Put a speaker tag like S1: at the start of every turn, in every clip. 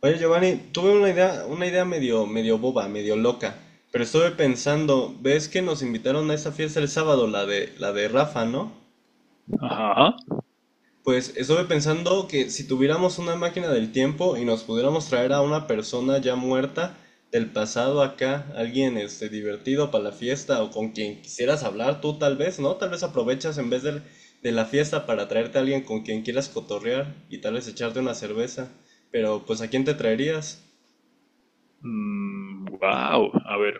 S1: Oye, Giovanni, tuve una idea medio boba, medio loca, pero estuve pensando, ves que nos invitaron a esa fiesta el sábado, la de Rafa, ¿no?
S2: Ajá.
S1: Pues estuve pensando que si tuviéramos una máquina del tiempo y nos pudiéramos traer a una persona ya muerta del pasado acá, alguien divertido para la fiesta o con quien quisieras hablar tú tal vez, ¿no? Tal vez aprovechas de la fiesta para traerte a alguien con quien quieras cotorrear y tal vez echarte una cerveza, pero pues ¿a quién te traerías?
S2: Wow. A ver,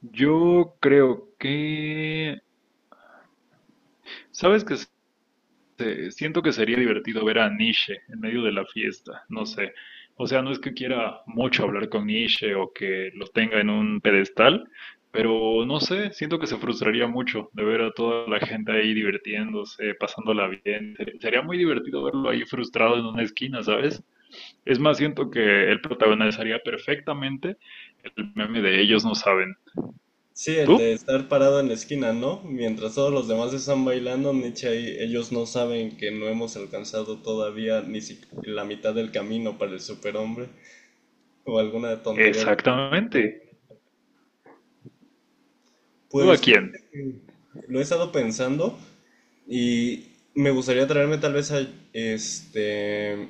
S2: yo creo que... ¿Sabes qué? Siento que sería divertido ver a Nietzsche en medio de la fiesta, no sé. O sea, no es que quiera mucho hablar con Nietzsche o que lo tenga en un pedestal, pero no sé, siento que se frustraría mucho de ver a toda la gente ahí divirtiéndose, pasándola bien. Sería muy divertido verlo ahí frustrado en una esquina, ¿sabes? Es más, siento que él protagonizaría perfectamente el meme de ellos no saben.
S1: Sí, el de
S2: ¿Tú?
S1: estar parado en la esquina, ¿no? Mientras todos los demás están bailando, Nietzsche ahí, ellos no saben que no hemos alcanzado todavía ni si- la mitad del camino para el superhombre o alguna tontería.
S2: Exactamente. ¿Tú a
S1: Pues fíjate
S2: quién?
S1: que lo he estado pensando y me gustaría traerme tal vez a este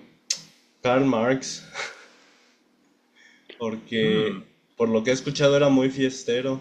S1: Karl Marx porque
S2: Mm.
S1: por lo que he escuchado era muy fiestero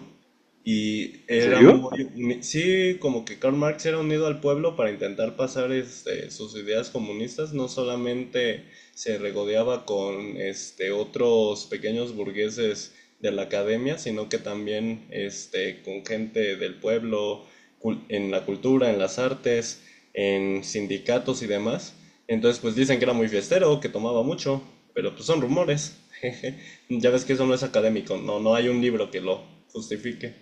S1: y
S2: ¿En
S1: era
S2: serio?
S1: sí, como que Karl Marx era unido al pueblo para intentar pasar sus ideas comunistas, no solamente se regodeaba con otros pequeños burgueses de la academia, sino que también con gente del pueblo, en la cultura, en las artes, en sindicatos y demás. Entonces, pues dicen que era muy fiestero, que tomaba mucho, pero pues son rumores. Ya ves que eso no es académico, no, no hay un libro que lo justifique.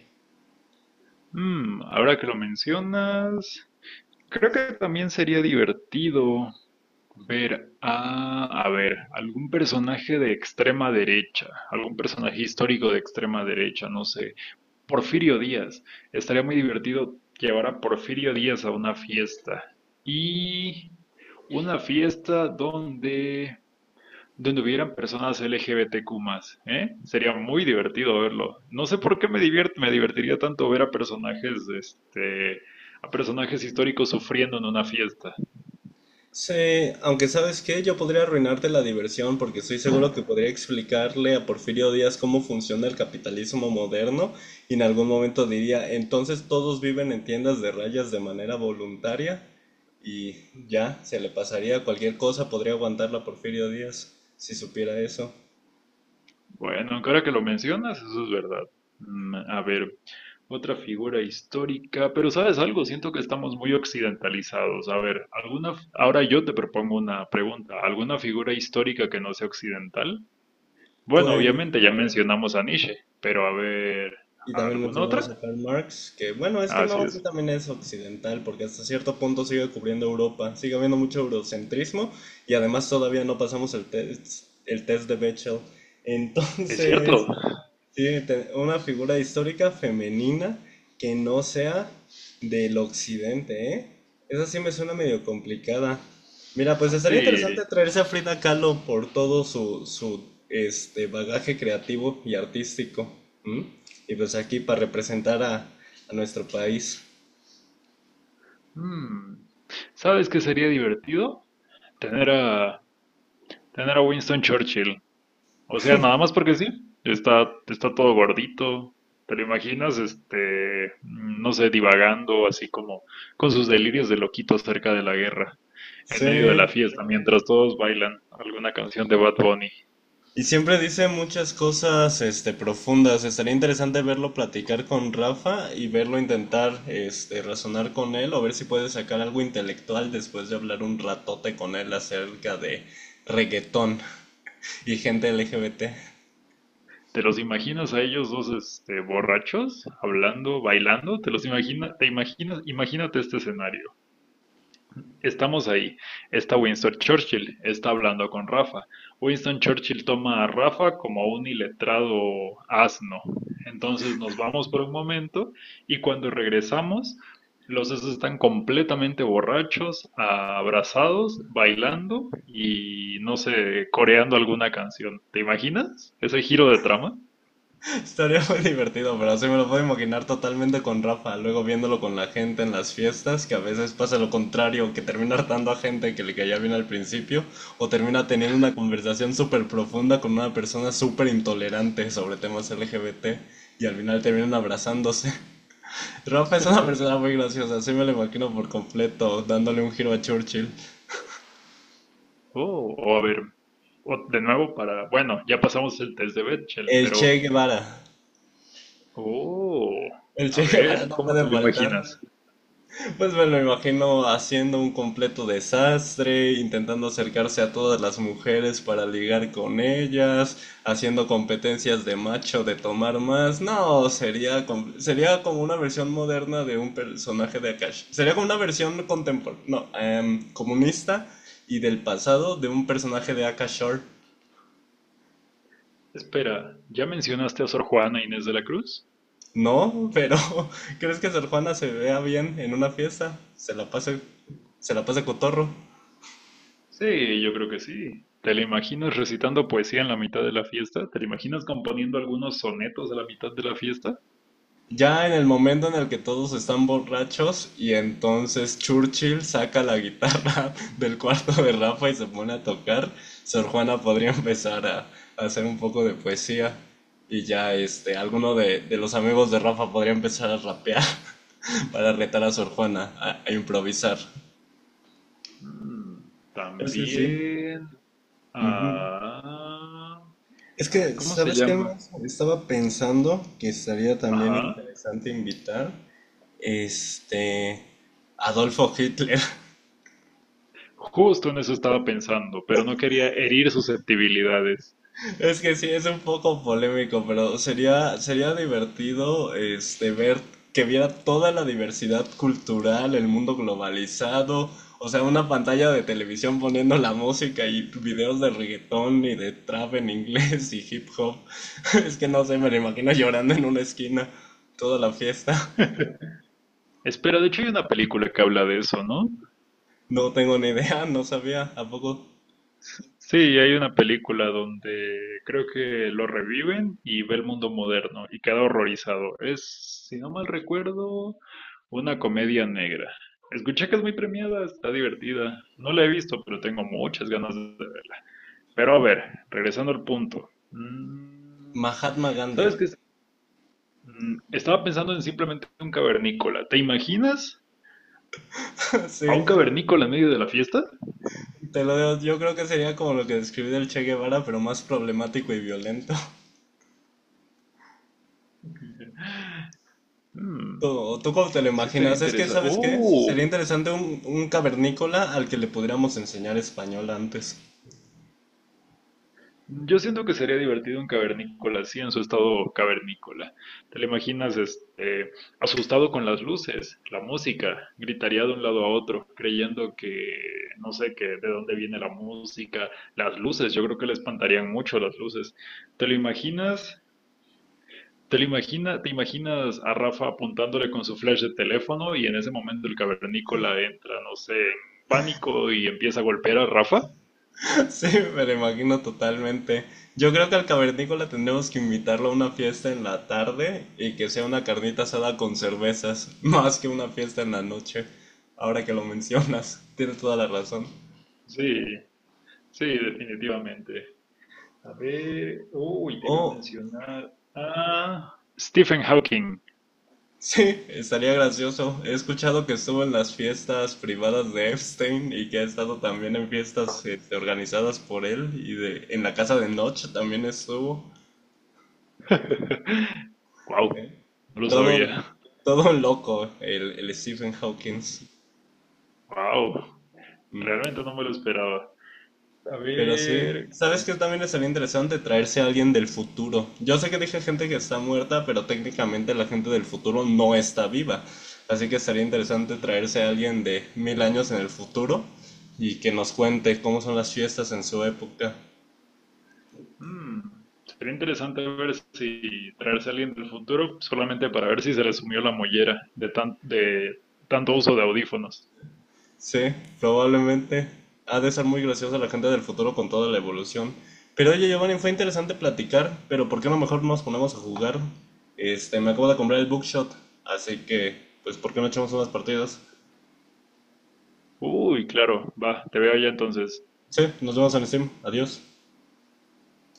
S2: Mm, ahora que lo mencionas, creo que también sería divertido ver a ver, algún personaje de extrema derecha, algún personaje histórico de extrema derecha, no sé. Porfirio Díaz. Estaría muy divertido llevar a Porfirio Díaz a una fiesta. Y una fiesta donde, donde hubieran personas LGBTQ más, ¿eh? Sería muy divertido verlo. No sé por qué me divierte, me divertiría tanto ver a personajes, a personajes históricos sufriendo en una fiesta.
S1: Sí, aunque sabes qué, yo podría arruinarte la diversión porque estoy seguro que podría explicarle a Porfirio Díaz cómo funciona el capitalismo moderno y en algún momento diría, entonces todos viven en tiendas de rayas de manera voluntaria y ya, se le pasaría cualquier cosa, podría aguantarla a Porfirio Díaz si supiera eso.
S2: Bueno, ahora que lo mencionas, eso es verdad. Mm. A ver, otra figura histórica, pero ¿sabes algo? Siento que estamos muy occidentalizados. A ver, alguna, ahora yo te propongo una pregunta. ¿Alguna figura histórica que no sea occidental? Bueno,
S1: Pues...
S2: obviamente ya mencionamos a Nietzsche, pero a ver,
S1: Y también
S2: ¿alguna
S1: mencionamos a
S2: otra?
S1: Karl Marx, que bueno, es que
S2: Así
S1: no, sí
S2: es.
S1: también es occidental, porque hasta cierto punto sigue cubriendo Europa, sigue habiendo mucho eurocentrismo y además todavía no pasamos el test de Bechdel.
S2: Es cierto.
S1: Entonces, una figura histórica femenina que no sea del occidente, ¿eh? Esa sí me suena medio complicada. Mira, pues estaría interesante
S2: Sí.
S1: traerse a Frida Kahlo por todo su bagaje creativo y artístico. ¿M? Y pues aquí para representar a nuestro país.
S2: Mm. ¿Sabes qué sería divertido? Tener a, tener a Winston Churchill. O sea, nada más porque sí, está, está todo gordito. ¿Te lo imaginas? No sé, divagando así como con sus delirios de loquito acerca de la guerra, en
S1: Sí.
S2: medio de la fiesta, mientras todos bailan alguna canción de Bad Bunny.
S1: Y siempre dice muchas cosas, profundas. Estaría interesante verlo platicar con Rafa y verlo intentar, razonar con él o ver si puede sacar algo intelectual después de hablar un ratote con él acerca de reggaetón y gente LGBT.
S2: ¿Te los imaginas a ellos dos, borrachos, hablando, bailando? ¿Te los imaginas? ¿Te imaginas? Imagínate este escenario. Estamos ahí. Está Winston Churchill, está hablando con Rafa. Winston Churchill toma a Rafa como a un iletrado asno. Entonces nos vamos por un momento y cuando regresamos, los dos están completamente borrachos, abrazados, bailando y no sé, coreando alguna canción. ¿Te imaginas ese giro de trama?
S1: Estaría muy divertido, pero así me lo puedo imaginar totalmente con Rafa, luego viéndolo con la gente en las fiestas, que a veces pasa lo contrario, que termina hartando a gente que le caía bien al principio, o termina teniendo una conversación súper profunda con una persona súper intolerante sobre temas LGBT, y al final terminan abrazándose. Rafa es una persona muy graciosa, así me lo imagino por completo, dándole un giro a Churchill.
S2: Oh, o a ver, o de nuevo para, bueno, ya pasamos el test de Bechdel,
S1: El
S2: pero
S1: Che Guevara.
S2: oh,
S1: El
S2: a
S1: Che Guevara
S2: ver,
S1: no
S2: ¿cómo
S1: puede
S2: te lo
S1: faltar.
S2: imaginas?
S1: Pues me lo imagino haciendo un completo desastre, intentando acercarse a todas las mujeres para ligar con ellas, haciendo competencias de macho de tomar más. No, sería como una versión moderna de un personaje de Akash. Sería como una versión contemporánea, no, em, comunista y del pasado de un personaje de Akash Shore.
S2: Espera, ¿ya mencionaste a Sor Juana Inés de la Cruz?
S1: No, pero ¿crees que Sor Juana se vea bien en una fiesta? Se la pasa cotorro.
S2: Sí, yo creo que sí. ¿Te la imaginas recitando poesía en la mitad de la fiesta? ¿Te la imaginas componiendo algunos sonetos a la mitad de la fiesta?
S1: Ya en el momento en el que todos están borrachos y entonces Churchill saca la guitarra del cuarto de Rafa y se pone a tocar, Sor Juana podría empezar a hacer un poco de poesía y ya alguno de los amigos de Rafa podría empezar a rapear para retar a Sor Juana a improvisar.
S2: Mm,
S1: Sí, sí.
S2: también.
S1: Ujú.
S2: Ah.
S1: Es
S2: Ay,
S1: que,
S2: ¿cómo se
S1: ¿sabes qué
S2: llama?
S1: más? Estaba pensando que estaría también
S2: Ajá.
S1: interesante invitar este Adolfo Hitler.
S2: Justo en eso estaba pensando, pero no quería herir susceptibilidades.
S1: Es que sí, es un poco polémico, pero sería divertido ver que viera toda la diversidad cultural, el mundo globalizado, o sea, una pantalla de televisión poniendo la música y videos de reggaetón y de trap en inglés y hip hop. Es que no sé, me lo imagino llorando en una esquina toda la fiesta.
S2: Espera, de hecho hay una película que habla de eso, ¿no?
S1: No tengo ni idea, no sabía. ¿A poco?
S2: Sí, hay una película donde creo que lo reviven y ve el mundo moderno y queda horrorizado. Es, si no mal recuerdo, una comedia negra. Escuché que es muy premiada, está divertida. No la he visto, pero tengo muchas ganas de ver. Pero a ver, regresando al punto. Mm.
S1: Mahatma Gandhi.
S2: ¿Sabes qué? ¿Es? Mm, estaba pensando en simplemente un cavernícola. ¿Te imaginas a
S1: Sí.
S2: un cavernícola en medio de la fiesta?
S1: Te lo digo, yo creo que sería como lo que describí del Che Guevara, pero más problemático y violento. ¿Tú,
S2: Mm,
S1: o tú cómo te lo
S2: sí estaría
S1: imaginas? Es que,
S2: interesante.
S1: ¿sabes qué? Sería
S2: ¡Oh!
S1: interesante un cavernícola al que le podríamos enseñar español antes.
S2: Yo siento que sería divertido un cavernícola así en su estado cavernícola. ¿Te lo imaginas asustado con las luces, la música? Gritaría de un lado a otro, creyendo que no sé qué, de dónde viene la música, las luces. Yo creo que le espantarían mucho las luces. ¿Te lo imaginas? ¿Te lo imagina, te imaginas a Rafa apuntándole con su flash de teléfono y en ese momento el cavernícola entra, no sé, en pánico y empieza a golpear a Rafa?
S1: Sí, me lo imagino totalmente. Yo creo que al cavernícola tendremos que invitarlo a una fiesta en la tarde y que sea una carnita asada con cervezas, más que una fiesta en la noche. Ahora que lo mencionas, tienes toda la razón.
S2: Sí, sí, definitivamente. A ver, uy, te iba a
S1: O
S2: mencionar a Stephen Hawking.
S1: sí, estaría gracioso. He escuchado que estuvo en las fiestas privadas de Epstein y que ha estado también en fiestas organizadas por él en la casa de Notch también estuvo.
S2: Wow,
S1: Eh.
S2: no lo
S1: Todo,
S2: sabía.
S1: todo un loco, el Stephen Hawking.
S2: Wow,
S1: Mm.
S2: realmente no me lo esperaba. A
S1: Pero sí,
S2: ver,
S1: ¿sabes
S2: ¿qué?
S1: qué también sería interesante traerse a alguien del futuro? Yo sé que dije gente que está muerta, pero técnicamente la gente del futuro no está viva. Así que sería interesante traerse a alguien de 1000 años en el futuro y que nos cuente cómo son las fiestas en su época.
S2: Mm, sería interesante ver si traerse a alguien del futuro solamente para ver si se le sumió la mollera de de tanto uso de audífonos.
S1: Sí, probablemente ha de ser muy graciosa la gente del futuro con toda la evolución. Pero oye, Giovanni, fue interesante platicar, pero ¿por qué no mejor nos ponemos a jugar? Me acabo de comprar el Bookshot, así que, pues, ¿por qué no echamos unas partidas?
S2: Uy, claro, va, te veo ya entonces.
S1: Sí, nos vemos en Steam. Adiós.